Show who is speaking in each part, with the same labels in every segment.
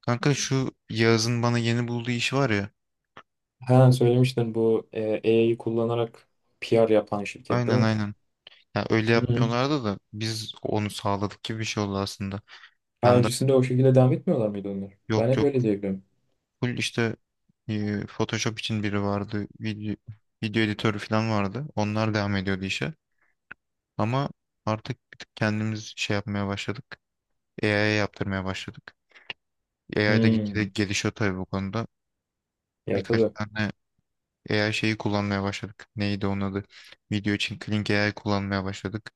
Speaker 1: Kanka şu Yağız'ın bana yeni bulduğu iş var ya.
Speaker 2: Ha söylemiştin, bu AI'yi kullanarak PR yapan şirket değil
Speaker 1: Aynen
Speaker 2: mi?
Speaker 1: aynen. Ya öyle
Speaker 2: Hı hı.
Speaker 1: yapmıyorlardı da biz onu sağladık gibi bir şey oldu aslında.
Speaker 2: Ha,
Speaker 1: Ben de
Speaker 2: öncesinde o şekilde devam etmiyorlar mıydı onlar? Ben
Speaker 1: yok
Speaker 2: hep
Speaker 1: yok
Speaker 2: öyle diyebiliyorum.
Speaker 1: full işte Photoshop için biri vardı. Video editörü falan vardı. Onlar devam ediyordu işe. Ama artık bir tık kendimiz şey yapmaya başladık. AI'ye yaptırmaya başladık. AI da gitgide
Speaker 2: Hmm.
Speaker 1: gelişiyor tabii bu konuda.
Speaker 2: Ya
Speaker 1: Birkaç
Speaker 2: tabii.
Speaker 1: tane AI şeyi kullanmaya başladık. Neydi onun adı? Video için Kling AI kullanmaya başladık.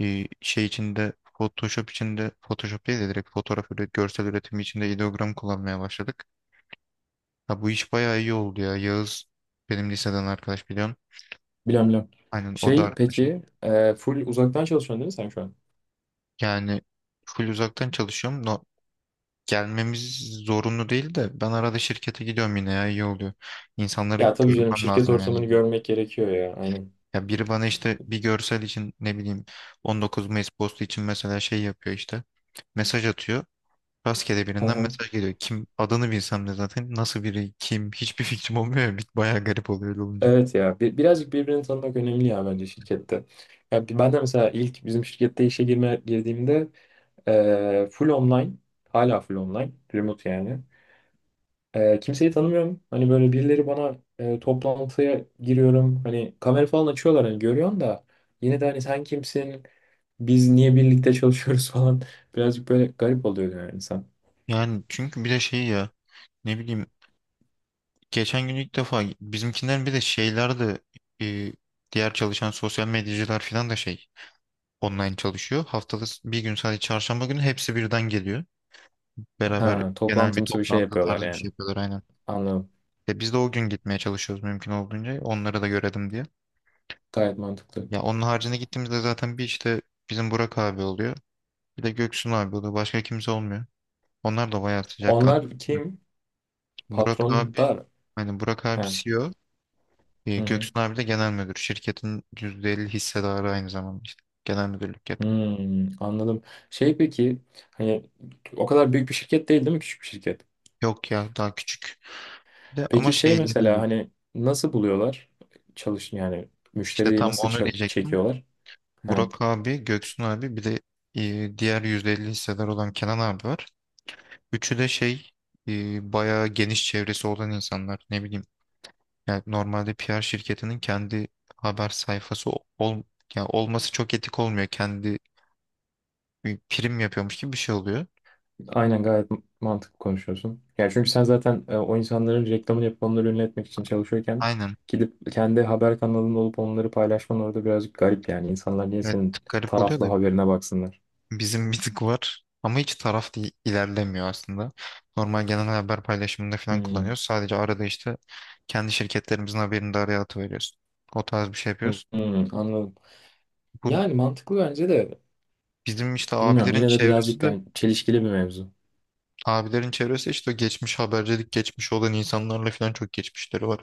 Speaker 1: Şey içinde Photoshop içinde Photoshop değil de direkt fotoğraf üret, görsel üretimi içinde ideogram kullanmaya başladık. Ha, bu iş bayağı iyi oldu ya. Yağız benim liseden arkadaş biliyorsun.
Speaker 2: Bilmem bilmem.
Speaker 1: Aynen o da
Speaker 2: Şey
Speaker 1: arkadaşım.
Speaker 2: peki, full uzaktan çalışıyorsun değil mi sen şu an?
Speaker 1: Yani full uzaktan çalışıyorum. No, gelmemiz zorunlu değil de ben arada şirkete gidiyorum yine ya iyi oluyor. İnsanları
Speaker 2: Ya tabii canım,
Speaker 1: görmem
Speaker 2: şirket
Speaker 1: lazım yani.
Speaker 2: ortamını görmek gerekiyor ya. Aynen.
Speaker 1: Ya biri bana işte bir görsel için ne bileyim 19 Mayıs postu için mesela şey yapıyor işte. Mesaj atıyor. Rastgele
Speaker 2: Hı
Speaker 1: birinden
Speaker 2: hı.
Speaker 1: mesaj geliyor. Kim adını bilsem de zaten nasıl biri kim hiçbir fikrim olmuyor ya. Bayağı garip oluyor öyle olunca.
Speaker 2: Evet ya, bir, birazcık birbirini tanımak önemli ya bence şirkette. Ya, ben de mesela ilk bizim şirkette girdiğimde full online, hala full online remote yani. Kimseyi tanımıyorum. Hani böyle birileri bana, toplantıya giriyorum. Hani kamera falan açıyorlar, hani görüyorsun da yine de hani sen kimsin? Biz niye birlikte çalışıyoruz falan. Birazcık böyle garip oluyor yani insan.
Speaker 1: Yani çünkü bir de şey ya ne bileyim geçen gün ilk defa bizimkinden bir de şeyler de e, diğer çalışan sosyal medyacılar falan da şey online çalışıyor. Haftada bir gün sadece çarşamba günü hepsi birden geliyor. Beraber
Speaker 2: Ha,
Speaker 1: genel bir
Speaker 2: toplantımsı bir şey
Speaker 1: toplantı
Speaker 2: yapıyorlar
Speaker 1: tarzı bir
Speaker 2: yani.
Speaker 1: şey yapıyorlar aynen.
Speaker 2: Anladım.
Speaker 1: Biz de o gün gitmeye çalışıyoruz mümkün olduğunca onları da görelim diye.
Speaker 2: Gayet mantıklı.
Speaker 1: Ya onun haricinde gittiğimizde zaten bir işte bizim Burak abi oluyor. Bir de Göksun abi oluyor. Başka kimse olmuyor. Onlar da bayağı sıcakkanlı.
Speaker 2: Onlar kim?
Speaker 1: Burak
Speaker 2: Patron
Speaker 1: abi,
Speaker 2: da.
Speaker 1: hani Burak abi
Speaker 2: Ha.
Speaker 1: CEO, O,
Speaker 2: Hı hı.
Speaker 1: Göksun abi de genel müdür. Şirketin %50 hissedarı aynı zamanda işte. Genel müdürlük yapıyor.
Speaker 2: Hmm, anladım. Şey peki, hani o kadar büyük bir şirket değil değil mi? Küçük bir şirket.
Speaker 1: Yok ya daha küçük. Bir de ama
Speaker 2: Peki şey
Speaker 1: şeyleri
Speaker 2: mesela,
Speaker 1: iyi.
Speaker 2: hani nasıl buluyorlar, çalış yani
Speaker 1: İşte
Speaker 2: müşteriyi
Speaker 1: tam
Speaker 2: nasıl
Speaker 1: onu diyecektim.
Speaker 2: çekiyorlar? Ha,
Speaker 1: Burak abi, Göksun abi bir de diğer %50 hissedar olan Kenan abi var. Üçü de şey bayağı geniş çevresi olan insanlar. Ne bileyim yani normalde PR şirketinin kendi haber sayfası yani olması çok etik olmuyor. Kendi bir prim yapıyormuş gibi bir şey oluyor.
Speaker 2: aynen, gayet mantıklı konuşuyorsun. Yani çünkü sen zaten, o insanların reklamını yapıp onları ünlü etmek için çalışıyorken
Speaker 1: Aynen.
Speaker 2: gidip kendi haber kanalında olup onları paylaşman orada birazcık garip yani. İnsanlar niye
Speaker 1: Evet
Speaker 2: senin
Speaker 1: garip oluyor da
Speaker 2: taraflı haberine baksınlar?
Speaker 1: bizim bir tık var ama hiç taraf değil, ilerlemiyor aslında. Normal genel haber paylaşımında falan
Speaker 2: Hmm.
Speaker 1: kullanıyoruz. Sadece arada işte kendi şirketlerimizin haberini de araya atıveriyoruz. O tarz bir şey
Speaker 2: Hmm,
Speaker 1: yapıyoruz.
Speaker 2: hmm, anladım.
Speaker 1: Bu
Speaker 2: Yani mantıklı bence de,
Speaker 1: bizim işte
Speaker 2: bilmiyorum, yine de birazcık hani çelişkili bir mevzu.
Speaker 1: abilerin çevresi işte geçmiş habercilik geçmiş olan insanlarla falan çok geçmişleri var.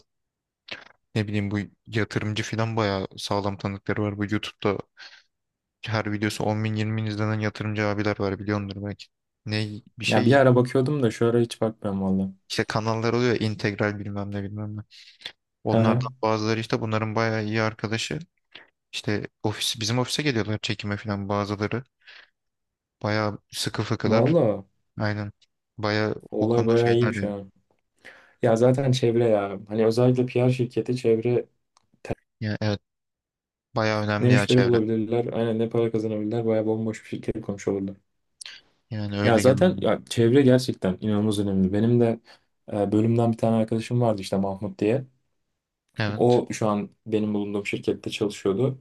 Speaker 1: Ne bileyim bu yatırımcı filan bayağı sağlam tanıkları var. Bu YouTube'da her videosu 10 bin 20 bin izlenen yatırımcı abiler var biliyordur belki. Ne bir
Speaker 2: Ya bir
Speaker 1: şey
Speaker 2: ara bakıyordum da şu ara hiç bakmıyorum valla.
Speaker 1: işte kanallar oluyor ya, integral bilmem ne bilmem ne.
Speaker 2: Hı
Speaker 1: Onlardan
Speaker 2: hı.
Speaker 1: bazıları işte bunların bayağı iyi arkadaşı. İşte bizim ofise geliyorlar çekime filan bazıları. Bayağı sıkı fıkılar.
Speaker 2: Valla.
Speaker 1: Aynen. Bayağı o
Speaker 2: Olay
Speaker 1: konuda
Speaker 2: bayağı
Speaker 1: şeyler
Speaker 2: iyiymiş
Speaker 1: diyor.
Speaker 2: ha. Ya zaten çevre ya. Hani özellikle PR şirketi, çevre
Speaker 1: Yani evet bayağı
Speaker 2: ne
Speaker 1: önemli ya
Speaker 2: müşteri
Speaker 1: çevre.
Speaker 2: bulabilirler, aynen, ne para kazanabilirler. Bayağı bomboş bir şirket kurmuş olurdu.
Speaker 1: Yani
Speaker 2: Ya
Speaker 1: öyle genel
Speaker 2: zaten
Speaker 1: olarak.
Speaker 2: ya, çevre gerçekten inanılmaz önemli. Benim de bölümden bir tane arkadaşım vardı işte, Mahmut diye.
Speaker 1: Evet.
Speaker 2: O şu an benim bulunduğum şirkette çalışıyordu.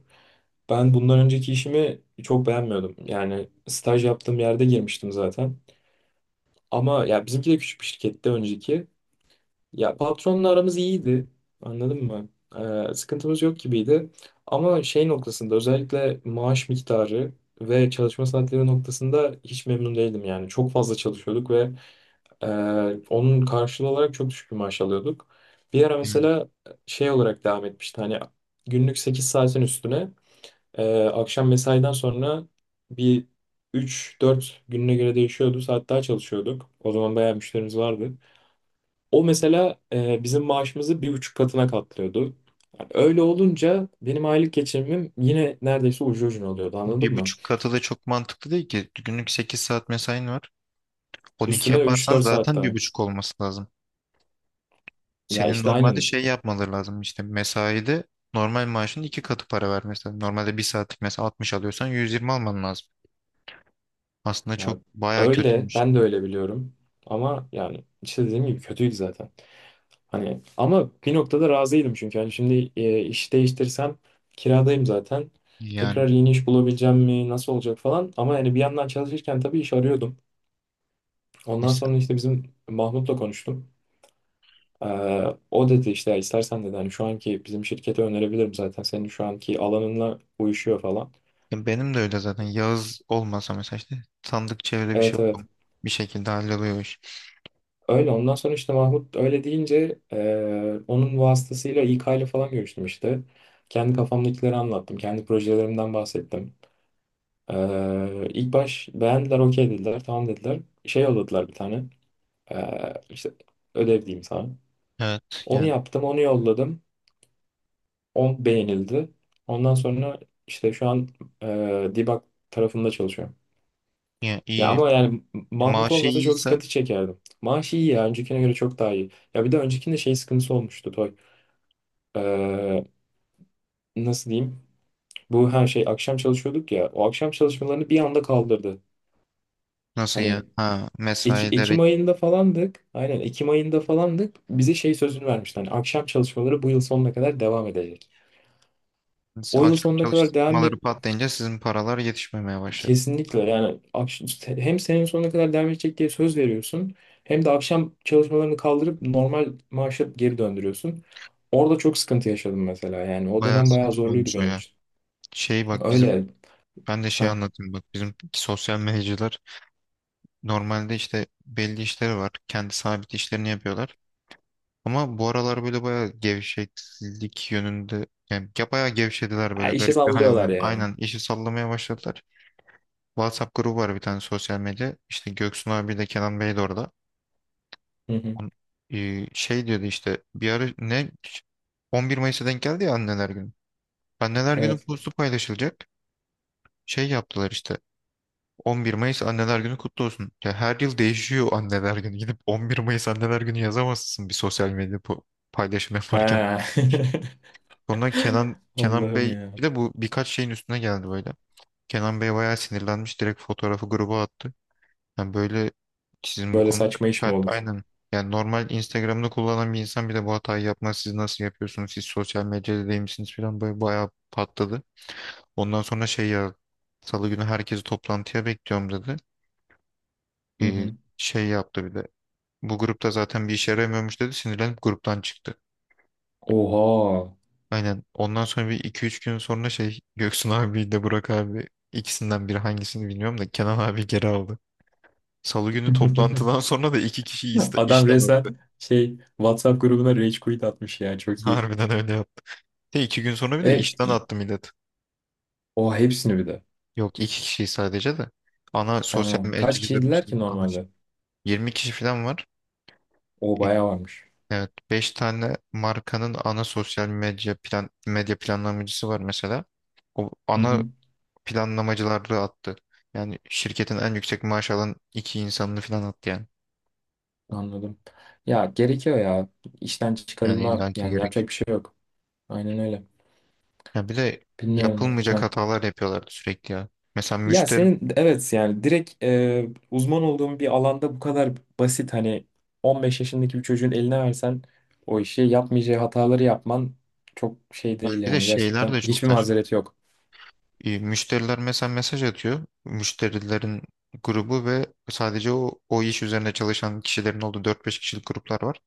Speaker 2: Ben bundan önceki işimi çok beğenmiyordum. Yani staj yaptığım yerde girmiştim zaten. Ama ya bizimki de küçük bir şirkette, önceki. Ya patronla aramız iyiydi. Anladın mı? Sıkıntımız yok gibiydi. Ama şey noktasında, özellikle maaş miktarı ve çalışma saatleri noktasında hiç memnun değildim yani. Çok fazla çalışıyorduk ve e, onun karşılığı olarak çok düşük bir maaş alıyorduk. Bir ara
Speaker 1: Yani
Speaker 2: mesela şey olarak devam etmişti. Hani günlük 8 saatin üstüne akşam mesaiden sonra bir, üç dört gününe göre değişiyordu. Saat daha çalışıyorduk. O zaman bayağı müşterimiz vardı. O mesela bizim maaşımızı bir buçuk katına katlıyordu. Yani öyle olunca benim aylık geçimim yine neredeyse ucu ucuna oluyordu, anladın
Speaker 1: bir
Speaker 2: mı?
Speaker 1: buçuk katı da çok mantıklı değil ki. Günlük 8 saat mesain var. 12
Speaker 2: Üstüne üç
Speaker 1: yaparsan
Speaker 2: dört saat
Speaker 1: zaten bir
Speaker 2: daha.
Speaker 1: buçuk olması lazım.
Speaker 2: Ya
Speaker 1: Senin
Speaker 2: işte
Speaker 1: normalde
Speaker 2: aynen,
Speaker 1: şey yapmaları lazım işte mesaide normal maaşın iki katı para vermesi lazım. Normalde bir saatlik mesela 60 alıyorsan 120 alman lazım. Aslında çok
Speaker 2: ya
Speaker 1: baya
Speaker 2: öyle,
Speaker 1: kötüymüş.
Speaker 2: ben de öyle biliyorum. Ama yani işte dediğim gibi kötüydü zaten. Hani ama bir noktada razıydım, çünkü hani şimdi iş değiştirsem kiradayım zaten.
Speaker 1: Yani
Speaker 2: Tekrar yeni iş bulabileceğim mi, nasıl olacak falan. Ama yani bir yandan çalışırken tabii iş arıyordum. Ondan
Speaker 1: neyse.
Speaker 2: sonra işte bizim Mahmut'la konuştum. Ee, o dedi, işte istersen dedi, hani şu anki bizim şirkete önerebilirim, zaten senin şu anki alanınla uyuşuyor falan.
Speaker 1: Ya benim de öyle zaten. Yağız olmasa mesela işte sandık çevre bir şey
Speaker 2: Evet evet.
Speaker 1: okum. Bir şekilde halloluyor iş.
Speaker 2: Öyle, ondan sonra işte Mahmut öyle deyince onun vasıtasıyla İK ile falan görüştüm işte. Kendi kafamdakileri anlattım. Kendi projelerimden bahsettim. İlk baş beğendiler, okey dediler, tamam dediler. Şey yolladılar bir tane. İşte ödev diyeyim sana.
Speaker 1: Evet
Speaker 2: Onu
Speaker 1: yani,
Speaker 2: yaptım, onu yolladım. O beğenildi. Ondan sonra işte şu an Dibak tarafında çalışıyorum.
Speaker 1: yani
Speaker 2: Ya
Speaker 1: iyi.
Speaker 2: ama yani Mahmut
Speaker 1: Maaşı
Speaker 2: olmasa çok
Speaker 1: iyiyse
Speaker 2: sıkıntı çekerdim. Maaş iyi ya. Öncekine göre çok daha iyi. Ya bir de öncekinde şey sıkıntısı olmuştu Toy. E, nasıl diyeyim? Bu her şey akşam çalışıyorduk ya. O akşam çalışmalarını bir anda kaldırdı.
Speaker 1: nasıl ya?
Speaker 2: Hani
Speaker 1: Ha
Speaker 2: Ekim
Speaker 1: mesaileri
Speaker 2: ayında falandık. Aynen Ekim ayında falandık. Bize şey sözünü vermişti. Hani akşam çalışmaları bu yıl sonuna kadar devam edecek. O yıl
Speaker 1: akşam
Speaker 2: sonuna kadar devam.
Speaker 1: çalıştırmaları patlayınca sizin paralar yetişmemeye başladı.
Speaker 2: Kesinlikle yani işte hem senin sonuna kadar devam edecek diye söz veriyorsun, hem de akşam çalışmalarını kaldırıp normal maaşa geri döndürüyorsun. Orada çok sıkıntı yaşadım mesela, yani o
Speaker 1: Bayağı
Speaker 2: dönem bayağı
Speaker 1: saçma
Speaker 2: zorluydu
Speaker 1: olmuş o
Speaker 2: benim
Speaker 1: ya.
Speaker 2: için.
Speaker 1: Şey bak bizim
Speaker 2: Öyle.
Speaker 1: Ben de şey
Speaker 2: Ha,
Speaker 1: anlatayım bak bizim sosyal medyacılar normalde işte belli işleri var. Kendi sabit işlerini yapıyorlar. Ama bu aralar böyle bayağı gevşeklik yönünde yani ya bayağı gevşediler
Speaker 2: ha,
Speaker 1: böyle
Speaker 2: işe
Speaker 1: garip bir hal
Speaker 2: sallıyorlar
Speaker 1: almıyor.
Speaker 2: yani.
Speaker 1: Aynen işi sallamaya başladılar. WhatsApp grubu var bir tane sosyal medya. İşte Göksun abi de Kenan Bey de orada.
Speaker 2: Hı hı.
Speaker 1: On, Şey diyordu işte bir ara ne 11 Mayıs'a denk geldi ya anneler günü. Anneler günü
Speaker 2: Evet.
Speaker 1: postu paylaşılacak. Şey yaptılar işte. 11 Mayıs Anneler Günü kutlu olsun. Ya her yıl değişiyor Anneler Günü. Gidip 11 Mayıs Anneler Günü yazamazsın bir sosyal medya paylaşım yaparken.
Speaker 2: Ha.
Speaker 1: Sonra Kenan Kenan
Speaker 2: Allah'ım
Speaker 1: Bey
Speaker 2: ya.
Speaker 1: bir de bu birkaç şeyin üstüne geldi böyle. Kenan Bey bayağı sinirlenmiş direkt fotoğrafı gruba attı. Yani böyle sizin bu
Speaker 2: Böyle
Speaker 1: konuda
Speaker 2: saçma iş mi
Speaker 1: dikkat
Speaker 2: olur?
Speaker 1: aynen. Yani normal Instagram'da kullanan bir insan bir de bu hatayı yapmaz. Siz nasıl yapıyorsunuz? Siz sosyal medyada değil misiniz falan böyle bayağı patladı. Ondan sonra şey ya Salı günü herkesi toplantıya bekliyorum dedi.
Speaker 2: Hı
Speaker 1: e,
Speaker 2: hı.
Speaker 1: Şey yaptı bir de. Bu grupta zaten bir işe yaramıyormuş dedi. Sinirlenip gruptan çıktı.
Speaker 2: Oha.
Speaker 1: Aynen. Ondan sonra bir iki üç gün sonra şey Göksun abi de Burak abi ikisinden biri hangisini bilmiyorum da Kenan abi geri aldı. Salı günü toplantıdan sonra da iki kişi
Speaker 2: Adam
Speaker 1: işten
Speaker 2: resmen
Speaker 1: attı.
Speaker 2: şey, WhatsApp grubuna rage quit atmış ya, çok iyi.
Speaker 1: Harbiden öyle yaptı. De iki gün sonra bir de
Speaker 2: E,
Speaker 1: işten
Speaker 2: i-
Speaker 1: attı millet.
Speaker 2: O hepsini bir de.
Speaker 1: Yok iki kişi sadece de. Ana sosyal
Speaker 2: Ha, kaç
Speaker 1: medyacıların
Speaker 2: kişiydiler ki
Speaker 1: için ana şey.
Speaker 2: normalde?
Speaker 1: 20 kişi falan var.
Speaker 2: O
Speaker 1: E,
Speaker 2: bayağı varmış.
Speaker 1: Evet, 5 tane markanın ana sosyal medya medya planlamacısı var mesela. O
Speaker 2: Hı
Speaker 1: ana
Speaker 2: hı,
Speaker 1: planlamacıları attı. Yani şirketin en yüksek maaş alan iki insanını falan attı yani.
Speaker 2: anladım. Ya gerekiyor ya. İşten
Speaker 1: Yani
Speaker 2: çıkarılma
Speaker 1: illaki
Speaker 2: yani,
Speaker 1: gerek.
Speaker 2: yapacak bir şey yok. Aynen öyle.
Speaker 1: Ya bir de
Speaker 2: Bilmiyorum.
Speaker 1: yapılmayacak
Speaker 2: Ha.
Speaker 1: hatalar yapıyorlardı sürekli ya. Mesela
Speaker 2: Ya
Speaker 1: müşteri
Speaker 2: senin, evet yani direkt, uzman olduğun bir alanda bu kadar basit, hani 15 yaşındaki bir çocuğun eline versen o işi yapmayacağı hataları yapman çok şey değil
Speaker 1: bir de
Speaker 2: yani,
Speaker 1: şeyler
Speaker 2: gerçekten
Speaker 1: de çok
Speaker 2: hiçbir
Speaker 1: saçma.
Speaker 2: mazereti yok.
Speaker 1: Müşteriler mesela mesaj atıyor. Müşterilerin grubu ve sadece o iş üzerine çalışan kişilerin olduğu dört beş kişilik gruplar var.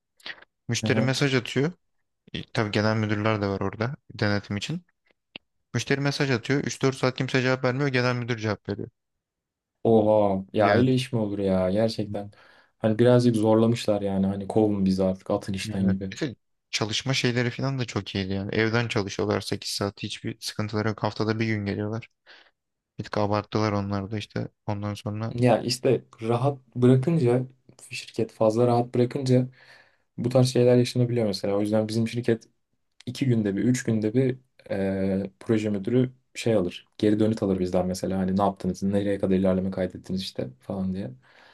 Speaker 1: Müşteri mesaj atıyor. Tabii genel müdürler de var orada denetim için. Müşteri mesaj atıyor. Üç dört saat kimse cevap vermiyor. Genel müdür cevap veriyor.
Speaker 2: Oha ya, öyle
Speaker 1: Yani,
Speaker 2: iş mi olur ya
Speaker 1: hmm,
Speaker 2: gerçekten. Hani birazcık zorlamışlar yani, hani kovun bizi artık, atın işten
Speaker 1: yani
Speaker 2: gibi.
Speaker 1: bir de çalışma şeyleri falan da çok iyiydi yani. Evden çalışıyorlar 8 saat. Hiçbir sıkıntıları yok. Haftada bir gün geliyorlar. Bir tık abarttılar onlar da işte. Ondan sonra
Speaker 2: Ya işte rahat bırakınca, şirket fazla rahat bırakınca bu tarz şeyler yaşanabiliyor mesela. O yüzden bizim şirket iki günde bir, üç günde bir proje müdürü şey alır, geri dönüt alır bizden mesela. Hani ne yaptınız, nereye kadar ilerleme kaydettiniz işte falan diye.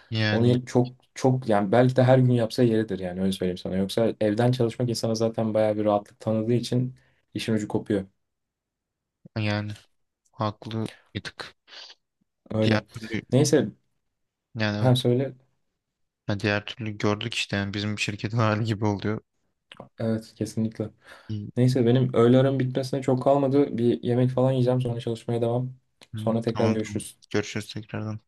Speaker 1: yani
Speaker 2: Onu çok çok, yani belki de her gün yapsa yeridir yani, öyle söyleyeyim sana. Yoksa evden çalışmak insana zaten bayağı bir rahatlık tanıdığı için işin ucu kopuyor.
Speaker 1: yani haklı bir tık. Diğer
Speaker 2: Öyle.
Speaker 1: türlü
Speaker 2: Neyse,
Speaker 1: yani
Speaker 2: hem
Speaker 1: evet.
Speaker 2: söyle.
Speaker 1: Yani diğer türlü gördük işte yani bizim şirketin hali gibi oluyor.
Speaker 2: Evet kesinlikle.
Speaker 1: İyi.
Speaker 2: Neyse, benim öğle aram bitmesine çok kalmadı. Bir yemek falan yiyeceğim, sonra çalışmaya devam.
Speaker 1: Hmm,
Speaker 2: Sonra tekrar
Speaker 1: tamam tamam.
Speaker 2: görüşürüz.
Speaker 1: Görüşürüz tekrardan.